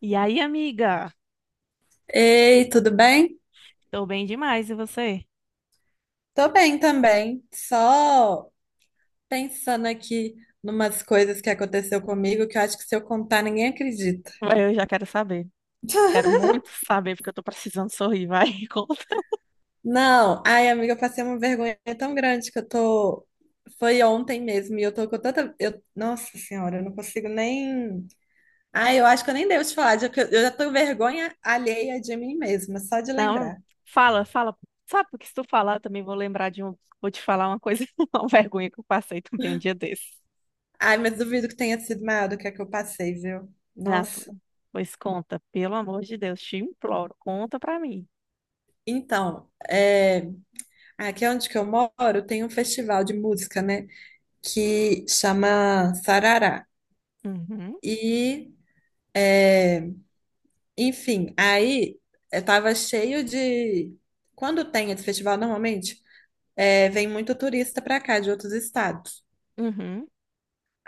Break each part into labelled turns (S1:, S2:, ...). S1: E aí, amiga?
S2: Ei, tudo bem?
S1: Tô bem demais, e você?
S2: Tô bem também. Só pensando aqui numas coisas que aconteceu comigo que eu acho que se eu contar ninguém acredita.
S1: Vai. Eu já quero saber. Quero muito saber, porque eu tô precisando sorrir, vai. Conta.
S2: Não, ai, amiga, eu passei uma vergonha tão grande que eu tô. Foi ontem mesmo e eu tô com tanta. Eu... Nossa senhora, eu não consigo nem. Ai, eu acho que eu nem devo te falar, já que eu já tô com vergonha alheia de mim mesma, só de
S1: Não,
S2: lembrar.
S1: fala, fala. Sabe, porque se tu falar, eu também vou lembrar de um. Vou te falar uma coisa, uma vergonha que eu passei também um dia desses.
S2: Ai, mas duvido que tenha sido maior do que a que eu passei, viu?
S1: Ah, pô,
S2: Nossa.
S1: pois conta, pelo amor de Deus, te imploro, conta pra mim.
S2: Então, é. Aqui é onde que eu moro tem um festival de música, né? Que chama Sarará.
S1: Uhum,
S2: E, enfim, aí tava cheio de. Quando tem esse festival, normalmente, vem muito turista pra cá, de outros estados.
S1: uhum.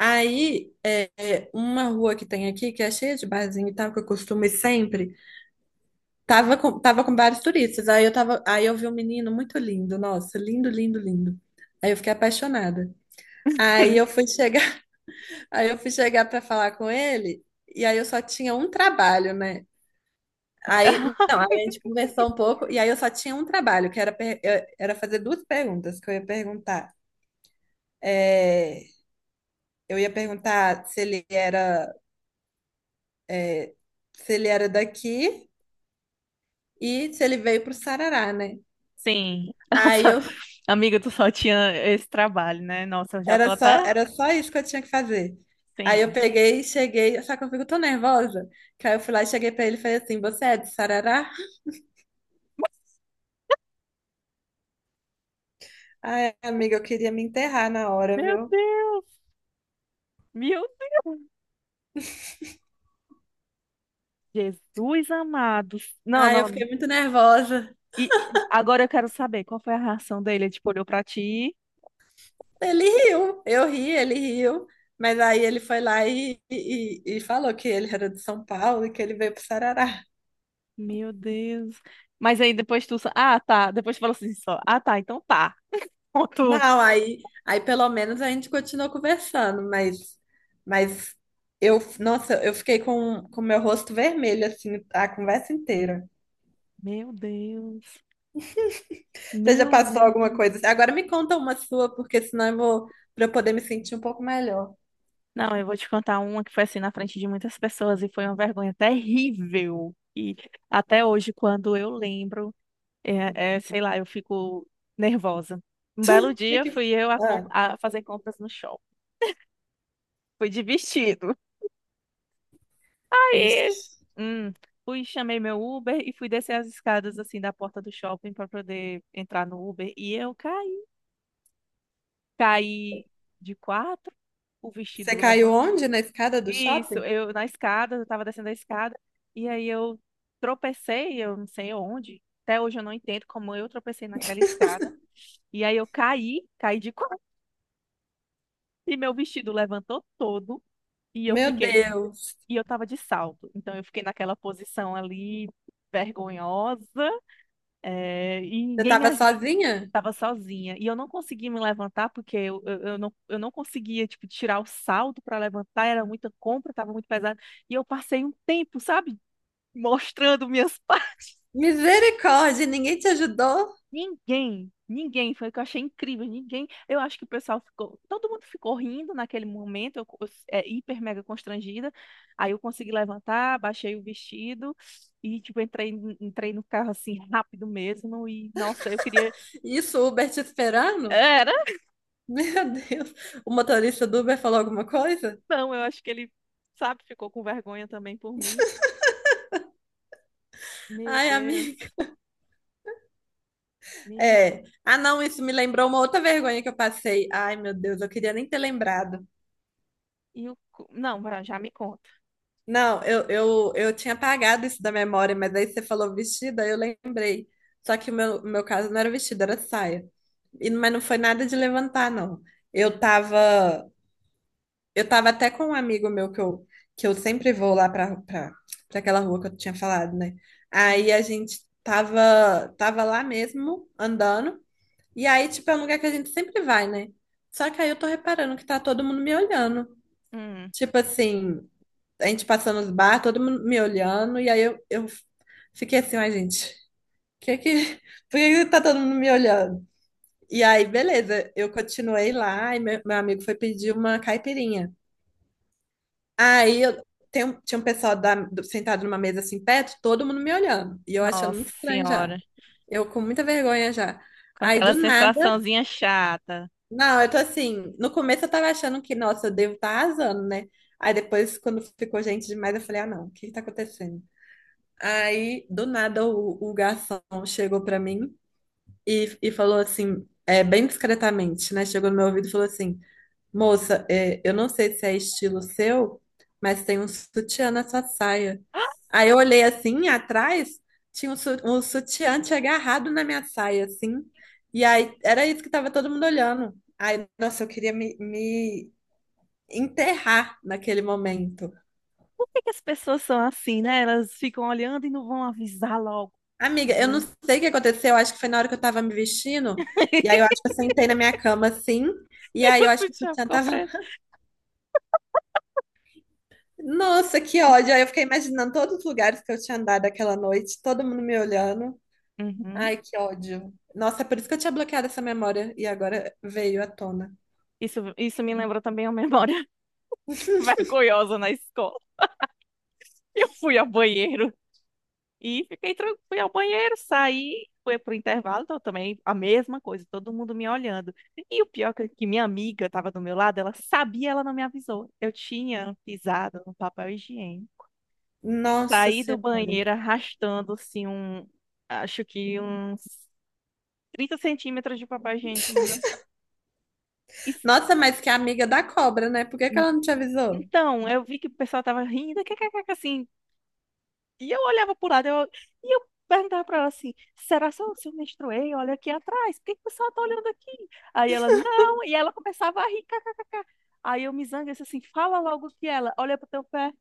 S2: Aí, uma rua que tem aqui, que é cheia de barzinho e tal, que eu costumo ir sempre, tava com vários turistas. Aí eu vi um menino muito lindo, nossa, lindo, lindo, lindo. Aí eu fiquei apaixonada. Aí eu fui chegar. Aí eu fui chegar para falar com ele, e aí eu só tinha um trabalho, né? Aí, não, aí a gente conversou um pouco, e aí eu só tinha um trabalho, que era, era fazer duas perguntas que eu ia perguntar. É, eu ia perguntar se ele era, é, se ele era daqui e se ele veio para o Sarará, né?
S1: Sim,
S2: Aí
S1: nossa,
S2: eu
S1: amiga, tu só tinha esse trabalho, né? Nossa, eu já tô até.
S2: era só isso que eu tinha que fazer. Aí eu
S1: Sim.
S2: peguei, cheguei, só que eu fico tão nervosa, que aí eu fui lá e cheguei para ele e falei assim: Você é de Sarará? Ai, amiga, eu queria me enterrar na hora,
S1: Meu
S2: viu?
S1: Deus, meu Deus. Jesus amado. Não,
S2: Ai, eu fiquei
S1: não.
S2: muito nervosa.
S1: E agora eu quero saber qual foi a reação dele. Ele, tipo, olhou pra ti.
S2: Ele riu, eu ri, ele riu. Mas aí ele foi lá e, e falou que ele era de São Paulo e que ele veio pro Sarará.
S1: Meu Deus. Mas aí depois tu. Só- Ah, tá. Depois tu falou assim só. Ah, tá. Então tá. Ponto.
S2: Não, aí pelo menos a gente continuou conversando, mas eu, nossa, eu fiquei com meu rosto vermelho, assim, a conversa inteira.
S1: Meu Deus.
S2: Você já
S1: Meu
S2: passou alguma
S1: Deus.
S2: coisa? Assim? Agora me conta uma sua, porque senão eu vou, para eu poder me sentir um pouco melhor.
S1: Não, eu vou te contar uma que foi assim na frente de muitas pessoas e foi uma vergonha terrível. E até hoje, quando eu lembro, é, sei lá, eu fico nervosa. Um belo
S2: O que
S1: dia
S2: que...
S1: fui eu a, com-
S2: Ah,
S1: a fazer compras no shopping. Fui de vestido. Aí,
S2: ixi.
S1: hum, fui, chamei meu Uber e fui descer as escadas assim da porta do shopping para poder entrar no Uber. E eu caí. Caí de quatro, o vestido
S2: Você caiu
S1: levantou.
S2: onde? Na escada do
S1: Isso,
S2: shopping?
S1: eu na escada, eu tava descendo a escada. E aí eu tropecei, eu não sei onde. Até hoje eu não entendo como eu tropecei naquela escada. E aí eu caí, caí de quatro. E meu vestido levantou todo. E eu
S2: Meu
S1: fiquei.
S2: Deus.
S1: E eu tava de salto. Então eu fiquei naquela posição ali vergonhosa. É, e
S2: Você
S1: ninguém me
S2: estava
S1: ajudava,
S2: sozinha?
S1: estava sozinha. E eu não conseguia me levantar porque eu não conseguia, tipo, tirar o salto para levantar, era muita compra, estava muito pesado. E eu passei um tempo, sabe, mostrando minhas partes.
S2: Misericórdia, ninguém te ajudou?
S1: Ninguém, ninguém, foi o que eu achei incrível, ninguém. Eu acho que o pessoal ficou, todo mundo ficou rindo naquele momento, hiper mega constrangida. Aí eu consegui levantar, baixei o vestido e, tipo, entrei no carro assim, rápido mesmo. E, nossa, eu queria.
S2: Isso, o Uber te esperando?
S1: Era
S2: Meu Deus. O motorista do Uber falou alguma coisa?
S1: Não, eu acho que ele, sabe, ficou com vergonha também por mim. Meu
S2: Ai, amiga.
S1: Deus. Meu...
S2: É. Ah, não, isso me lembrou uma outra vergonha que eu passei. Ai, meu Deus, eu queria nem ter lembrado.
S1: E o... cu- Não, Bran, já me conta.
S2: Não, eu tinha apagado isso da memória, mas aí você falou vestido, aí eu lembrei. Só que o meu caso não era vestido, era saia. E, mas não foi nada de levantar, não. Eu tava, eu tava até com um amigo meu que eu sempre vou lá pra aquela rua que eu tinha falado, né? Aí a gente tava, tava lá mesmo, andando. E aí, tipo, é um lugar que a gente sempre vai, né? Só que aí eu tô reparando que tá todo mundo me olhando.
S1: Hum,
S2: Tipo assim, a gente passando os bar, todo mundo me olhando, e aí eu fiquei assim, ai, gente, que que, por que que tá todo mundo me olhando? E aí, beleza, eu continuei lá, e meu amigo foi pedir uma caipirinha. Aí eu, tinha um pessoal sentado numa mesa assim perto, todo mundo me olhando, e eu achando
S1: nossa
S2: muito estranho já.
S1: senhora,
S2: Eu com muita vergonha já.
S1: com
S2: Aí
S1: aquela
S2: do nada,
S1: sensaçãozinha chata.
S2: não, eu tô assim, no começo eu tava achando que, nossa, eu devo estar tá arrasando, né? Aí depois, quando ficou gente demais, eu falei, ah, não, o que que tá acontecendo? Aí, do nada, o garçom chegou pra mim e, falou assim, é, bem discretamente, né? Chegou no meu ouvido e falou assim: Moça, é, eu não sei se é estilo seu, mas tem um sutiã na sua saia.
S1: Ah,
S2: Aí eu olhei assim, atrás, tinha um sutiã tinha agarrado na minha saia, assim. E aí, era isso que tava todo mundo olhando. Aí, nossa, eu queria me enterrar naquele momento.
S1: por que que as pessoas são assim, né? Elas ficam olhando e não vão avisar logo.
S2: Amiga, eu não
S1: Bran,
S2: sei o que aconteceu, eu acho que foi na hora que eu tava me vestindo, e aí eu acho que eu sentei na minha cama assim, e aí
S1: o
S2: eu acho que o
S1: sutiã
S2: sutiã
S1: ficou
S2: tava.
S1: preto.
S2: Nossa, que ódio! Aí eu fiquei imaginando todos os lugares que eu tinha andado aquela noite, todo mundo me olhando.
S1: Uhum.
S2: Ai, que ódio. Nossa, é por isso que eu tinha bloqueado essa memória, e agora veio à tona.
S1: Isso me lembrou também uma memória vergonhosa na escola. Eu fui ao banheiro e fiquei tranquila, fui ao banheiro, saí, fui pro intervalo, então também a mesma coisa, todo mundo me olhando. E o pior é que minha amiga estava do meu lado, ela sabia, ela não me avisou. Eu tinha pisado no papel higiênico e
S2: Nossa
S1: saí do
S2: Senhora.
S1: banheiro arrastando assim um, acho que uns 30 cm de papel higiênico no meu. E s-
S2: Nossa, mas que é amiga da cobra, né? Por que que
S1: n-
S2: ela não te avisou?
S1: então, eu vi que o pessoal tava rindo, que, assim, e eu olhava pro lado, e eu perguntava pra ela assim, será só se eu menstruei? Olha aqui atrás, por que que o pessoal tá olhando aqui? Aí ela, não, e ela começava a rir, kkkk. Aí eu me zanguei, disse assim, fala logo que ela, olha pro teu pé.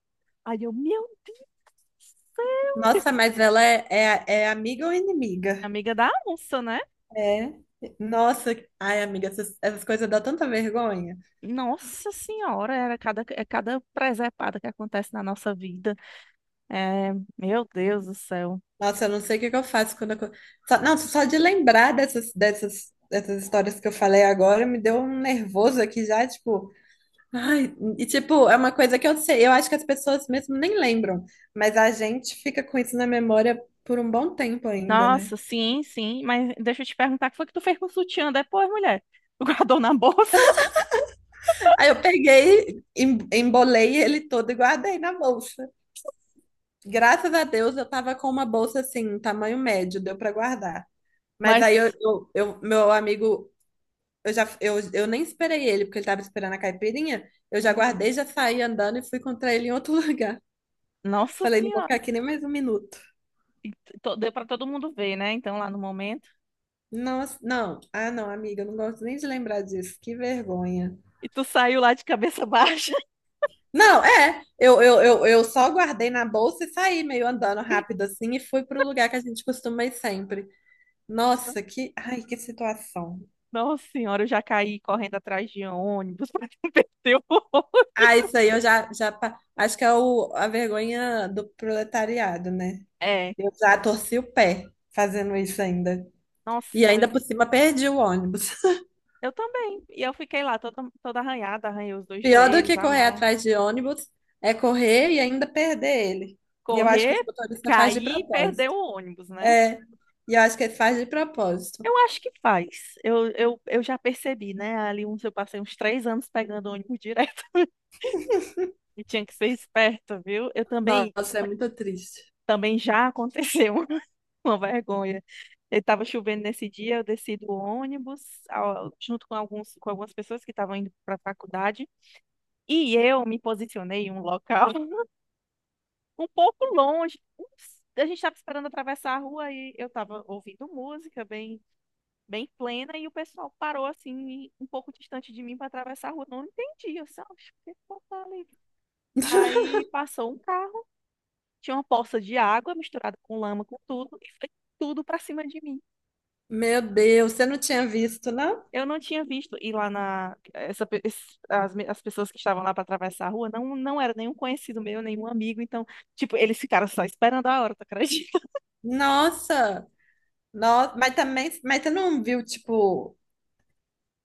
S1: Aí eu, meu Deus do céu,
S2: Nossa, mas ela é, é amiga ou inimiga?
S1: amiga da onça, né?
S2: É. Nossa, ai, amiga, essas coisas dão tanta vergonha.
S1: Nossa senhora, é cada presepada que acontece na nossa vida. É, meu Deus do céu.
S2: Nossa, eu não sei o que que eu faço quando eu... Só, não, só de lembrar dessas histórias que eu falei agora me deu um nervoso aqui já, tipo... Ai, e tipo, é uma coisa que eu sei, eu acho que as pessoas mesmo nem lembram, mas a gente fica com isso na memória por um bom tempo ainda, né?
S1: Nossa, sim, sim, mas deixa eu te perguntar, o que foi que tu fez com o sutiã depois, mulher? Tu guardou na bolsa?
S2: Aí eu peguei, embolei ele todo e guardei na bolsa. Graças a Deus eu tava com uma bolsa assim, tamanho médio, deu pra guardar. Mas aí
S1: Mas
S2: meu amigo. Eu já, eu nem esperei ele, porque ele tava esperando a caipirinha. Eu já
S1: Uhum.
S2: guardei, já saí andando e fui encontrar ele em outro lugar.
S1: Nossa
S2: Falei, não vou ficar
S1: Senhora.
S2: aqui nem mais um minuto.
S1: E deu pra todo mundo ver, né? Então, lá no momento.
S2: Nossa, não. Ah, não, amiga, eu não gosto nem de lembrar disso. Que vergonha.
S1: E tu saiu lá de cabeça baixa.
S2: Não, é. Eu só guardei na bolsa e saí meio andando rápido assim e fui pro lugar que a gente costuma ir sempre. Nossa, que. Ai, que situação.
S1: Nossa Senhora, eu já caí correndo atrás de ônibus pra não perder o ônibus.
S2: Ah, isso aí eu já. Acho que é a vergonha do proletariado, né?
S1: É.
S2: Eu já torci o pé fazendo isso ainda. E ainda
S1: Nossa,
S2: por cima perdi o ônibus.
S1: eu também. E eu fiquei lá toda, toda arranhada, arranhei os dois
S2: Pior do
S1: joelhos,
S2: que
S1: a
S2: correr
S1: mão.
S2: atrás de ônibus é correr e ainda perder ele. E eu acho que
S1: Correr,
S2: os motoristas faz de
S1: cair e perder
S2: propósito.
S1: o ônibus, né?
S2: É, e eu acho que ele faz de propósito.
S1: Eu acho que faz. Eu já percebi, né? Ali uns, eu passei uns 3 anos pegando ônibus direto. E tinha que ser esperta, viu? Eu também
S2: Nossa, é muito triste.
S1: Também já aconteceu uma vergonha. Estava chovendo nesse dia, eu desci do ônibus junto com algumas pessoas que estavam indo para a faculdade e eu me posicionei em um local um pouco longe. Ups, a gente estava esperando atravessar a rua e eu estava ouvindo música bem, bem plena e o pessoal parou assim um pouco distante de mim para atravessar a rua. Não entendi, eu só, "Oxe, que tá ali?" Aí passou um carro, tinha uma poça de água misturada com lama, com tudo e foi tudo para cima de mim.
S2: Meu Deus, você não tinha visto, não?
S1: Eu não tinha visto. E lá na. Essa, pe- es- as, me- As pessoas que estavam lá para atravessar a rua não era nenhum conhecido meu, nenhum amigo. Então, tipo, eles ficaram só esperando a hora, tu acredita?
S2: Nossa, nossa, mas também, mas você não viu, tipo,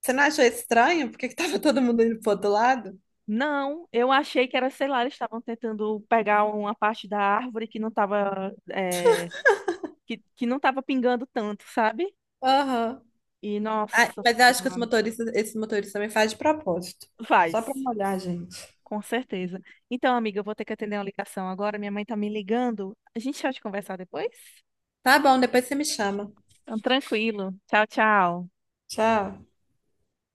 S2: você não achou estranho? Porque que tava todo mundo indo pro outro lado?
S1: Não, eu achei que era, sei lá, eles estavam tentando pegar uma parte da árvore que não tava, que não tava pingando tanto, sabe?
S2: Aham.
S1: E
S2: Ah,
S1: nossa
S2: mas eu acho que
S1: senhora.
S2: esses motoristas também fazem de propósito.
S1: Faz,
S2: Só pra molhar, a gente.
S1: com certeza. Então, amiga, eu vou ter que atender uma ligação agora. Minha mãe tá me ligando. A gente pode conversar depois?
S2: Tá bom, depois você me chama.
S1: Então, tranquilo. Tchau, tchau.
S2: Tchau.